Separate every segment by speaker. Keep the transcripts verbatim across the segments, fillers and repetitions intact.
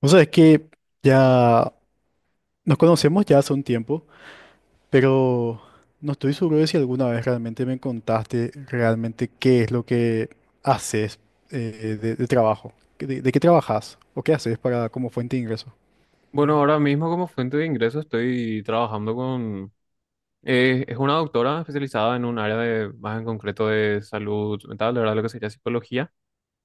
Speaker 1: O sea, es que ya nos conocemos ya hace un tiempo, pero no estoy seguro de si alguna vez realmente me contaste realmente qué es lo que haces eh, de, de trabajo. ¿Qué- ¿De, de qué trabajas? ¿O qué haces para como fuente de ingreso?
Speaker 2: Bueno, ahora mismo como fuente de ingreso estoy trabajando con... eh, es una doctora especializada en un área de, más en concreto de salud mental, de ¿verdad? Lo que sería psicología.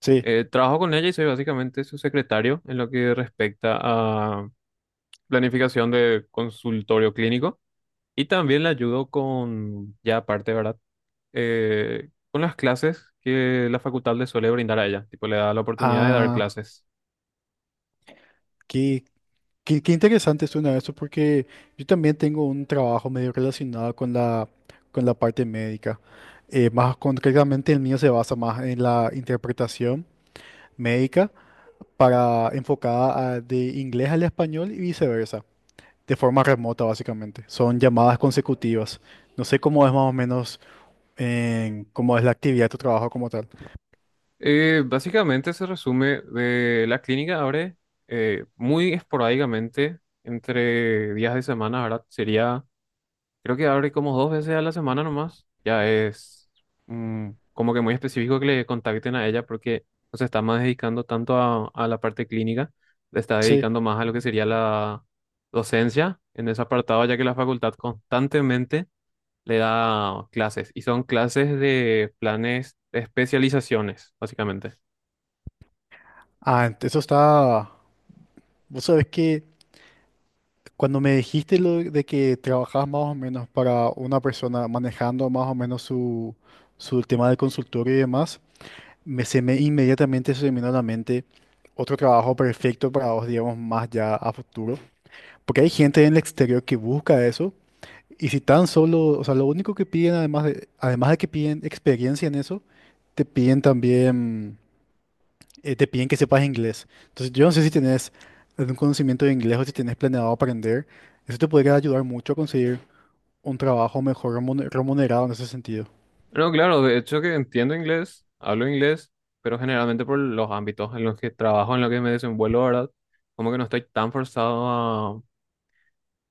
Speaker 1: Sí.
Speaker 2: Eh, trabajo con ella y soy básicamente su secretario en lo que respecta a planificación de consultorio clínico. Y también la ayudo con, ya aparte, ¿verdad? Eh, con las clases que la facultad le suele brindar a ella. Tipo, le da la oportunidad de dar
Speaker 1: Ah,
Speaker 2: clases.
Speaker 1: qué, qué, qué interesante suena eso porque yo también tengo un trabajo medio relacionado con la, con la parte médica. Eh, más concretamente el mío se basa más en la interpretación médica para enfocada a- de inglés al español y viceversa, de forma remota básicamente. Son llamadas consecutivas. No sé cómo es más o menos en, cómo es la actividad de tu trabajo como tal.
Speaker 2: Eh, básicamente se resume de la clínica abre eh, muy esporádicamente entre días de semana, ¿verdad? Sería, creo que abre como dos veces a la semana nomás. Ya es mm, como que muy específico que le contacten a ella porque no se está más dedicando tanto a, a la parte clínica, le está
Speaker 1: Sí.
Speaker 2: dedicando más a lo que sería la docencia en ese apartado, ya que la facultad constantemente le da clases y son clases de planes de especializaciones, básicamente.
Speaker 1: Ah, ent- eso está. Vos sabés que cuando me dijiste lo de que trabajabas más o menos para una persona manejando más o menos su, su tema de consultorio y demás, me, se me inmediatamente se me vino a la mente otro trabajo perfecto para vos, digamos, más ya a futuro. Porque hay gente en el exterior que busca eso. Y si tan solo, o sea, lo único que piden, además de, además de que piden experiencia en eso, te piden también, eh, te piden que sepas inglés. Entonces, yo no sé si tenés algún conocimiento de inglés o si tenés planeado aprender. Eso te podría ayudar mucho a conseguir un trabajo mejor remune- remunerado en ese sentido.
Speaker 2: No, claro, de hecho que entiendo inglés, hablo inglés, pero generalmente por los ámbitos en los que trabajo, en los que me desenvuelvo, ¿verdad? Como que no estoy tan forzado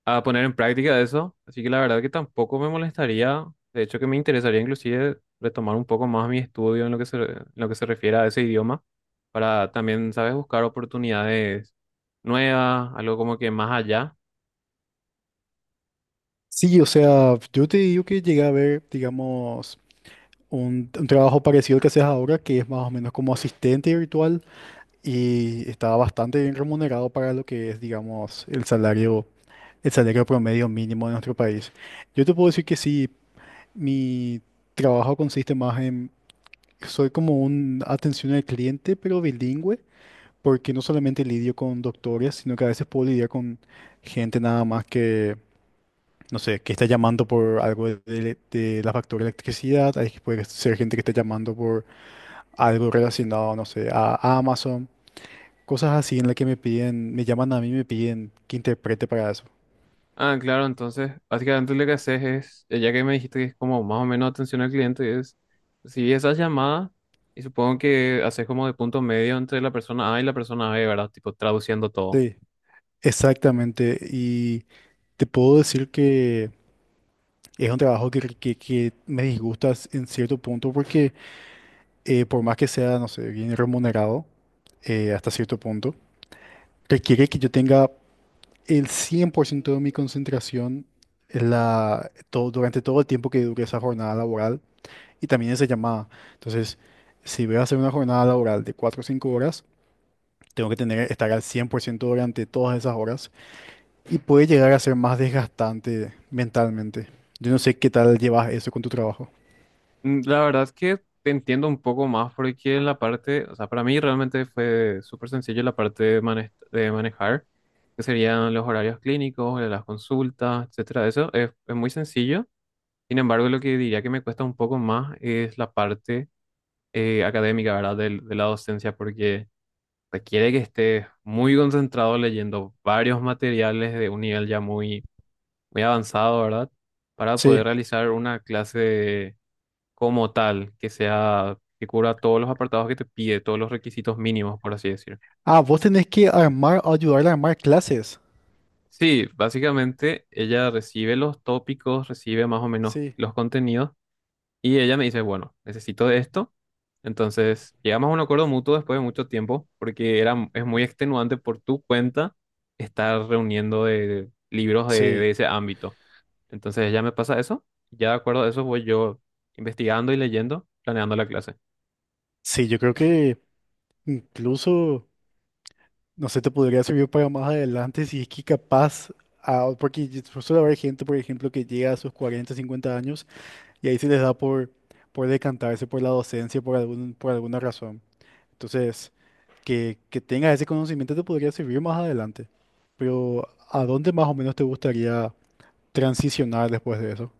Speaker 2: a, a poner en práctica eso, así que la verdad que tampoco me molestaría, de hecho que me interesaría inclusive retomar un poco más mi estudio en lo que se, en lo que se refiere a ese idioma, para también, ¿sabes?, buscar oportunidades nuevas, algo como que más allá.
Speaker 1: Sí, o sea, yo te digo que llegué a ver, digamos, un, un trabajo parecido al que haces ahora, que es más o menos como asistente virtual y estaba bastante bien remunerado para lo que es, digamos, el salario, el salario promedio mínimo de nuestro país. Yo te puedo decir que sí, mi trabajo consiste más en, soy como un atención al cliente, pero bilingüe, porque no solamente lidio con doctores, sino que a veces puedo lidiar con gente nada más que, no sé, que está llamando por algo de, de- de la factura de electricidad, hay, puede ser gente que está llamando por algo relacionado, no sé, a Amazon. Cosas así en las que me piden, me llaman a mí y me piden que interprete para eso.
Speaker 2: Ah, claro, entonces, básicamente lo que haces es, eh, ya que me dijiste que es como más o menos atención al cliente, es si esas llamadas, y supongo que haces como de punto medio entre la persona A y la persona B, ¿verdad? Tipo traduciendo todo.
Speaker 1: Sí, exactamente. Y te puedo decir que es un trabajo que, que, que me disgusta s- en cierto punto porque eh, por más que sea, no sé, bien remunerado eh, hasta cierto punto, requiere que yo tenga el cien por ciento de mi concentración en la, todo, durante todo el tiempo que dure esa jornada laboral y también esa llamada. Entonces, si voy a hacer una jornada laboral de cuatro o cinco horas, Tengo que tener, estar al cien por ciento durante todas esas horas y puede llegar a ser más desgastante mentalmente. Yo no sé qué tal llevas eso con tu trabajo.
Speaker 2: Mm, La verdad es que te entiendo un poco más porque en la parte, o sea, para mí realmente fue súper sencillo la parte de, mane- de manejar, que serían los horarios clínicos, las consultas, etcétera. Eso es es muy sencillo. Sin embargo, lo que diría que me cuesta un poco más es la parte eh, académica, ¿verdad? Del- De, la docencia, porque requiere que estés muy concentrado leyendo varios materiales de un nivel ya muy, muy avanzado, ¿verdad? Para poder
Speaker 1: Sí.
Speaker 2: realizar una clase como tal, que sea, que cubra todos los apartados que te pide, todos los requisitos mínimos, por así decir.
Speaker 1: Ah, vos tenés que armar, ayudarle a armar clases.
Speaker 2: Sí, básicamente ella recibe los tópicos, recibe más o menos
Speaker 1: Sí.
Speaker 2: los contenidos. Y ella me dice, bueno, necesito de esto. Entonces, llegamos a un acuerdo mutuo después de mucho tiempo, porque era, es muy extenuante por tu cuenta estar reuniendo de, de libros de, de
Speaker 1: Sí.
Speaker 2: ese ámbito. Entonces, ella me pasa eso. Ya de acuerdo a eso, voy yo investigando y leyendo, planeando la clase.
Speaker 1: Sí, yo creo que incluso, no sé, te podría servir para más adelante si es que capaz, ah, porque yo- suele haber gente, por ejemplo, que llega a sus cuarenta, cincuenta años y ahí se les da por, por decantarse por la docencia por algún, por alguna razón. Entonces, que, que tengas ese conocimiento te podría servir más adelante. Pero ¿a dónde más o menos te gustaría transicionar después de eso?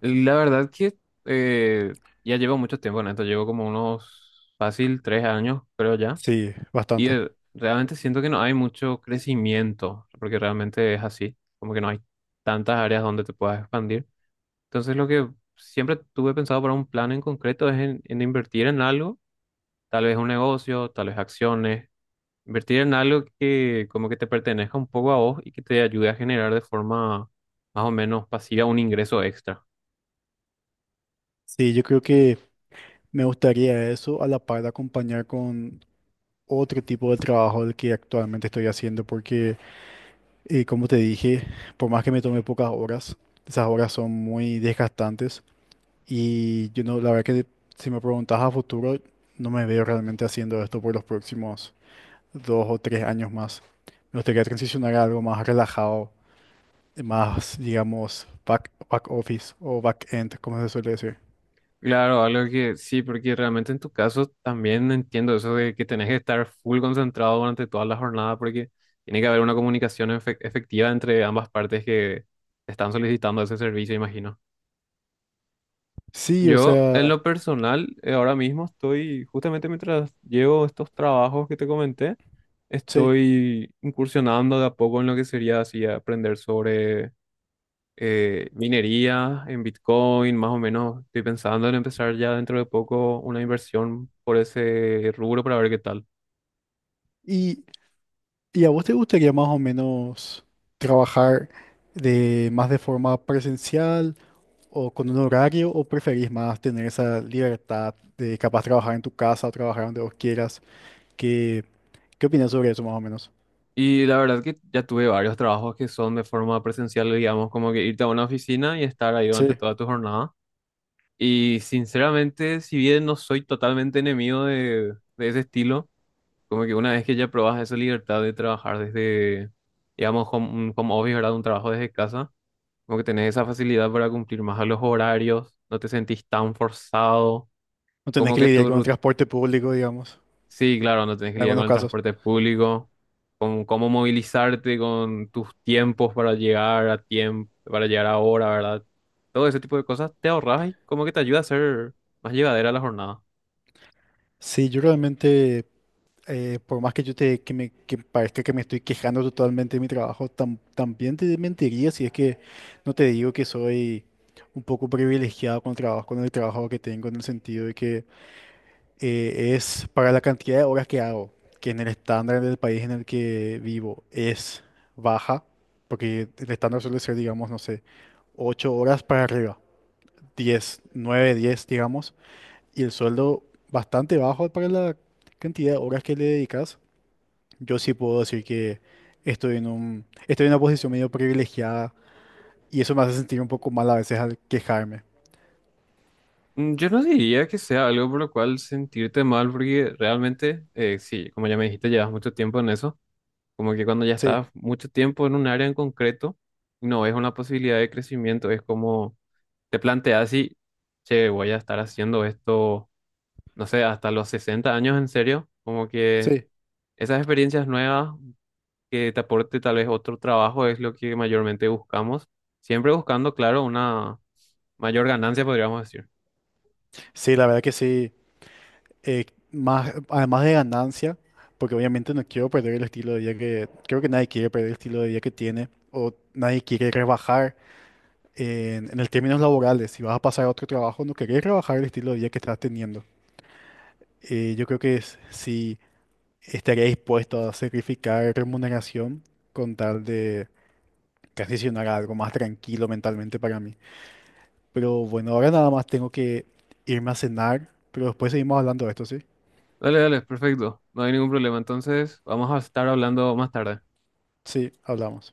Speaker 2: La verdad que eh, ya llevo mucho tiempo en esto, llevo como unos fácil tres años, creo ya.
Speaker 1: Sí,
Speaker 2: Y
Speaker 1: bastante.
Speaker 2: eh, realmente siento que no hay mucho crecimiento, porque realmente es así, como que no hay tantas áreas donde te puedas expandir. Entonces lo que siempre tuve pensado para un plan en concreto es en, en invertir en algo, tal vez un negocio, tal vez acciones, invertir en algo que como que te pertenezca un poco a vos y que te ayude a generar de forma más o menos pasiva un ingreso extra.
Speaker 1: Sí, yo creo que me gustaría eso a la par de acompañar con otro tipo de trabajo del que actualmente estoy haciendo, porque eh, como te dije, por más que me tome pocas horas, esas horas son muy desgastantes y yo no, la verdad que si me preguntas a futuro, no me veo realmente haciendo esto por los próximos dos o tres años más. Me gustaría transicionar a algo más relajado, más, digamos, back, back office o back end, como se suele decir.
Speaker 2: Claro, algo que sí, porque realmente en tu caso también entiendo eso de que tenés que estar full concentrado durante toda la jornada porque tiene que haber una comunicación efe- efectiva entre ambas partes que te están solicitando ese servicio, imagino.
Speaker 1: Sí, o
Speaker 2: Yo, en
Speaker 1: sea,
Speaker 2: lo personal, eh, ahora mismo estoy, justamente mientras llevo estos trabajos que te comenté,
Speaker 1: sí.
Speaker 2: estoy incursionando de a poco en lo que sería así aprender sobre eh, minería en Bitcoin, más o menos estoy pensando en empezar ya dentro de poco una inversión por ese rubro para ver qué tal.
Speaker 1: ¿Y, y a vos te gustaría más o menos trabajar de más de forma presencial o con un horario o preferís más tener esa libertad de capaz trabajar en tu casa o trabajar donde vos quieras? ¿Qué, qué opinas sobre eso más o menos?
Speaker 2: Y la verdad que ya tuve varios trabajos que son de forma presencial, digamos, como que irte a una oficina y estar ahí durante
Speaker 1: Sí,
Speaker 2: toda tu jornada. Y sinceramente, si bien no soy totalmente enemigo de, de ese estilo, como que una vez que ya probas esa libertad de trabajar desde, digamos, home- un home office, ¿verdad? Un trabajo desde casa. Como que tenés esa facilidad para cumplir más a los horarios, no te sentís tan forzado,
Speaker 1: no tenés
Speaker 2: como
Speaker 1: que
Speaker 2: que
Speaker 1: lidiar
Speaker 2: tu
Speaker 1: con el
Speaker 2: rutina...
Speaker 1: transporte público, digamos,
Speaker 2: Sí, claro, no tenés que
Speaker 1: en
Speaker 2: lidiar
Speaker 1: algunos
Speaker 2: con el
Speaker 1: casos.
Speaker 2: transporte público, con cómo movilizarte, con tus tiempos para llegar a tiempo, para llegar a hora, ¿verdad? Todo ese tipo de cosas te ahorras y como que te ayuda a ser más llevadera la jornada.
Speaker 1: Sí, yo realmente, eh, por más que yo te que me que parezca que me estoy quejando totalmente de mi trabajo, tam- también te mentiría si es que no te digo que soy un poco privilegiado con el trabajo, con el trabajo, que tengo, en el sentido de que eh, es para la cantidad de horas que hago, que en el estándar del país en el que vivo es baja, porque el estándar suele ser, digamos, no sé, ocho horas para arriba, diez nueve diez digamos y el sueldo bastante bajo para la cantidad de horas que le dedicas, yo sí puedo decir que estoy en un, estoy en una posición medio privilegiada y eso me hace sentir un poco mal a veces al quejarme.
Speaker 2: Mm, Yo no diría que sea algo por lo cual sentirte mal, porque realmente, eh, sí, como ya me dijiste, llevas mucho tiempo en eso. Como que cuando ya
Speaker 1: Sí,
Speaker 2: estás mucho tiempo en un área en concreto, no es una posibilidad de crecimiento, es como te planteas así, che, voy a estar haciendo esto, no sé, hasta los sesenta años en serio, como que
Speaker 1: sí,
Speaker 2: esas experiencias nuevas que te aporte tal vez otro trabajo es lo que mayormente buscamos, siempre buscando, claro, una mayor ganancia, podríamos decir.
Speaker 1: sí, la verdad que sí. Eh, más, además de ganancia, porque obviamente no quiero perder el estilo de vida que, creo que nadie quiere perder el estilo de vida que tiene o nadie quiere rebajar en, en el términos laborales. Si vas a pasar a otro trabajo, no querés rebajar el estilo de vida que estás teniendo. Eh, yo creo que es- si estaría dispuesto a sacrificar remuneración con tal de transicionar a algo más tranquilo mentalmente para mí. Pero bueno, ahora nada más tengo que irme a cenar, pero después seguimos hablando de esto, ¿sí?
Speaker 2: Dale, dale, perfecto, no hay ningún problema, entonces vamos a estar hablando más tarde.
Speaker 1: Sí, hablamos.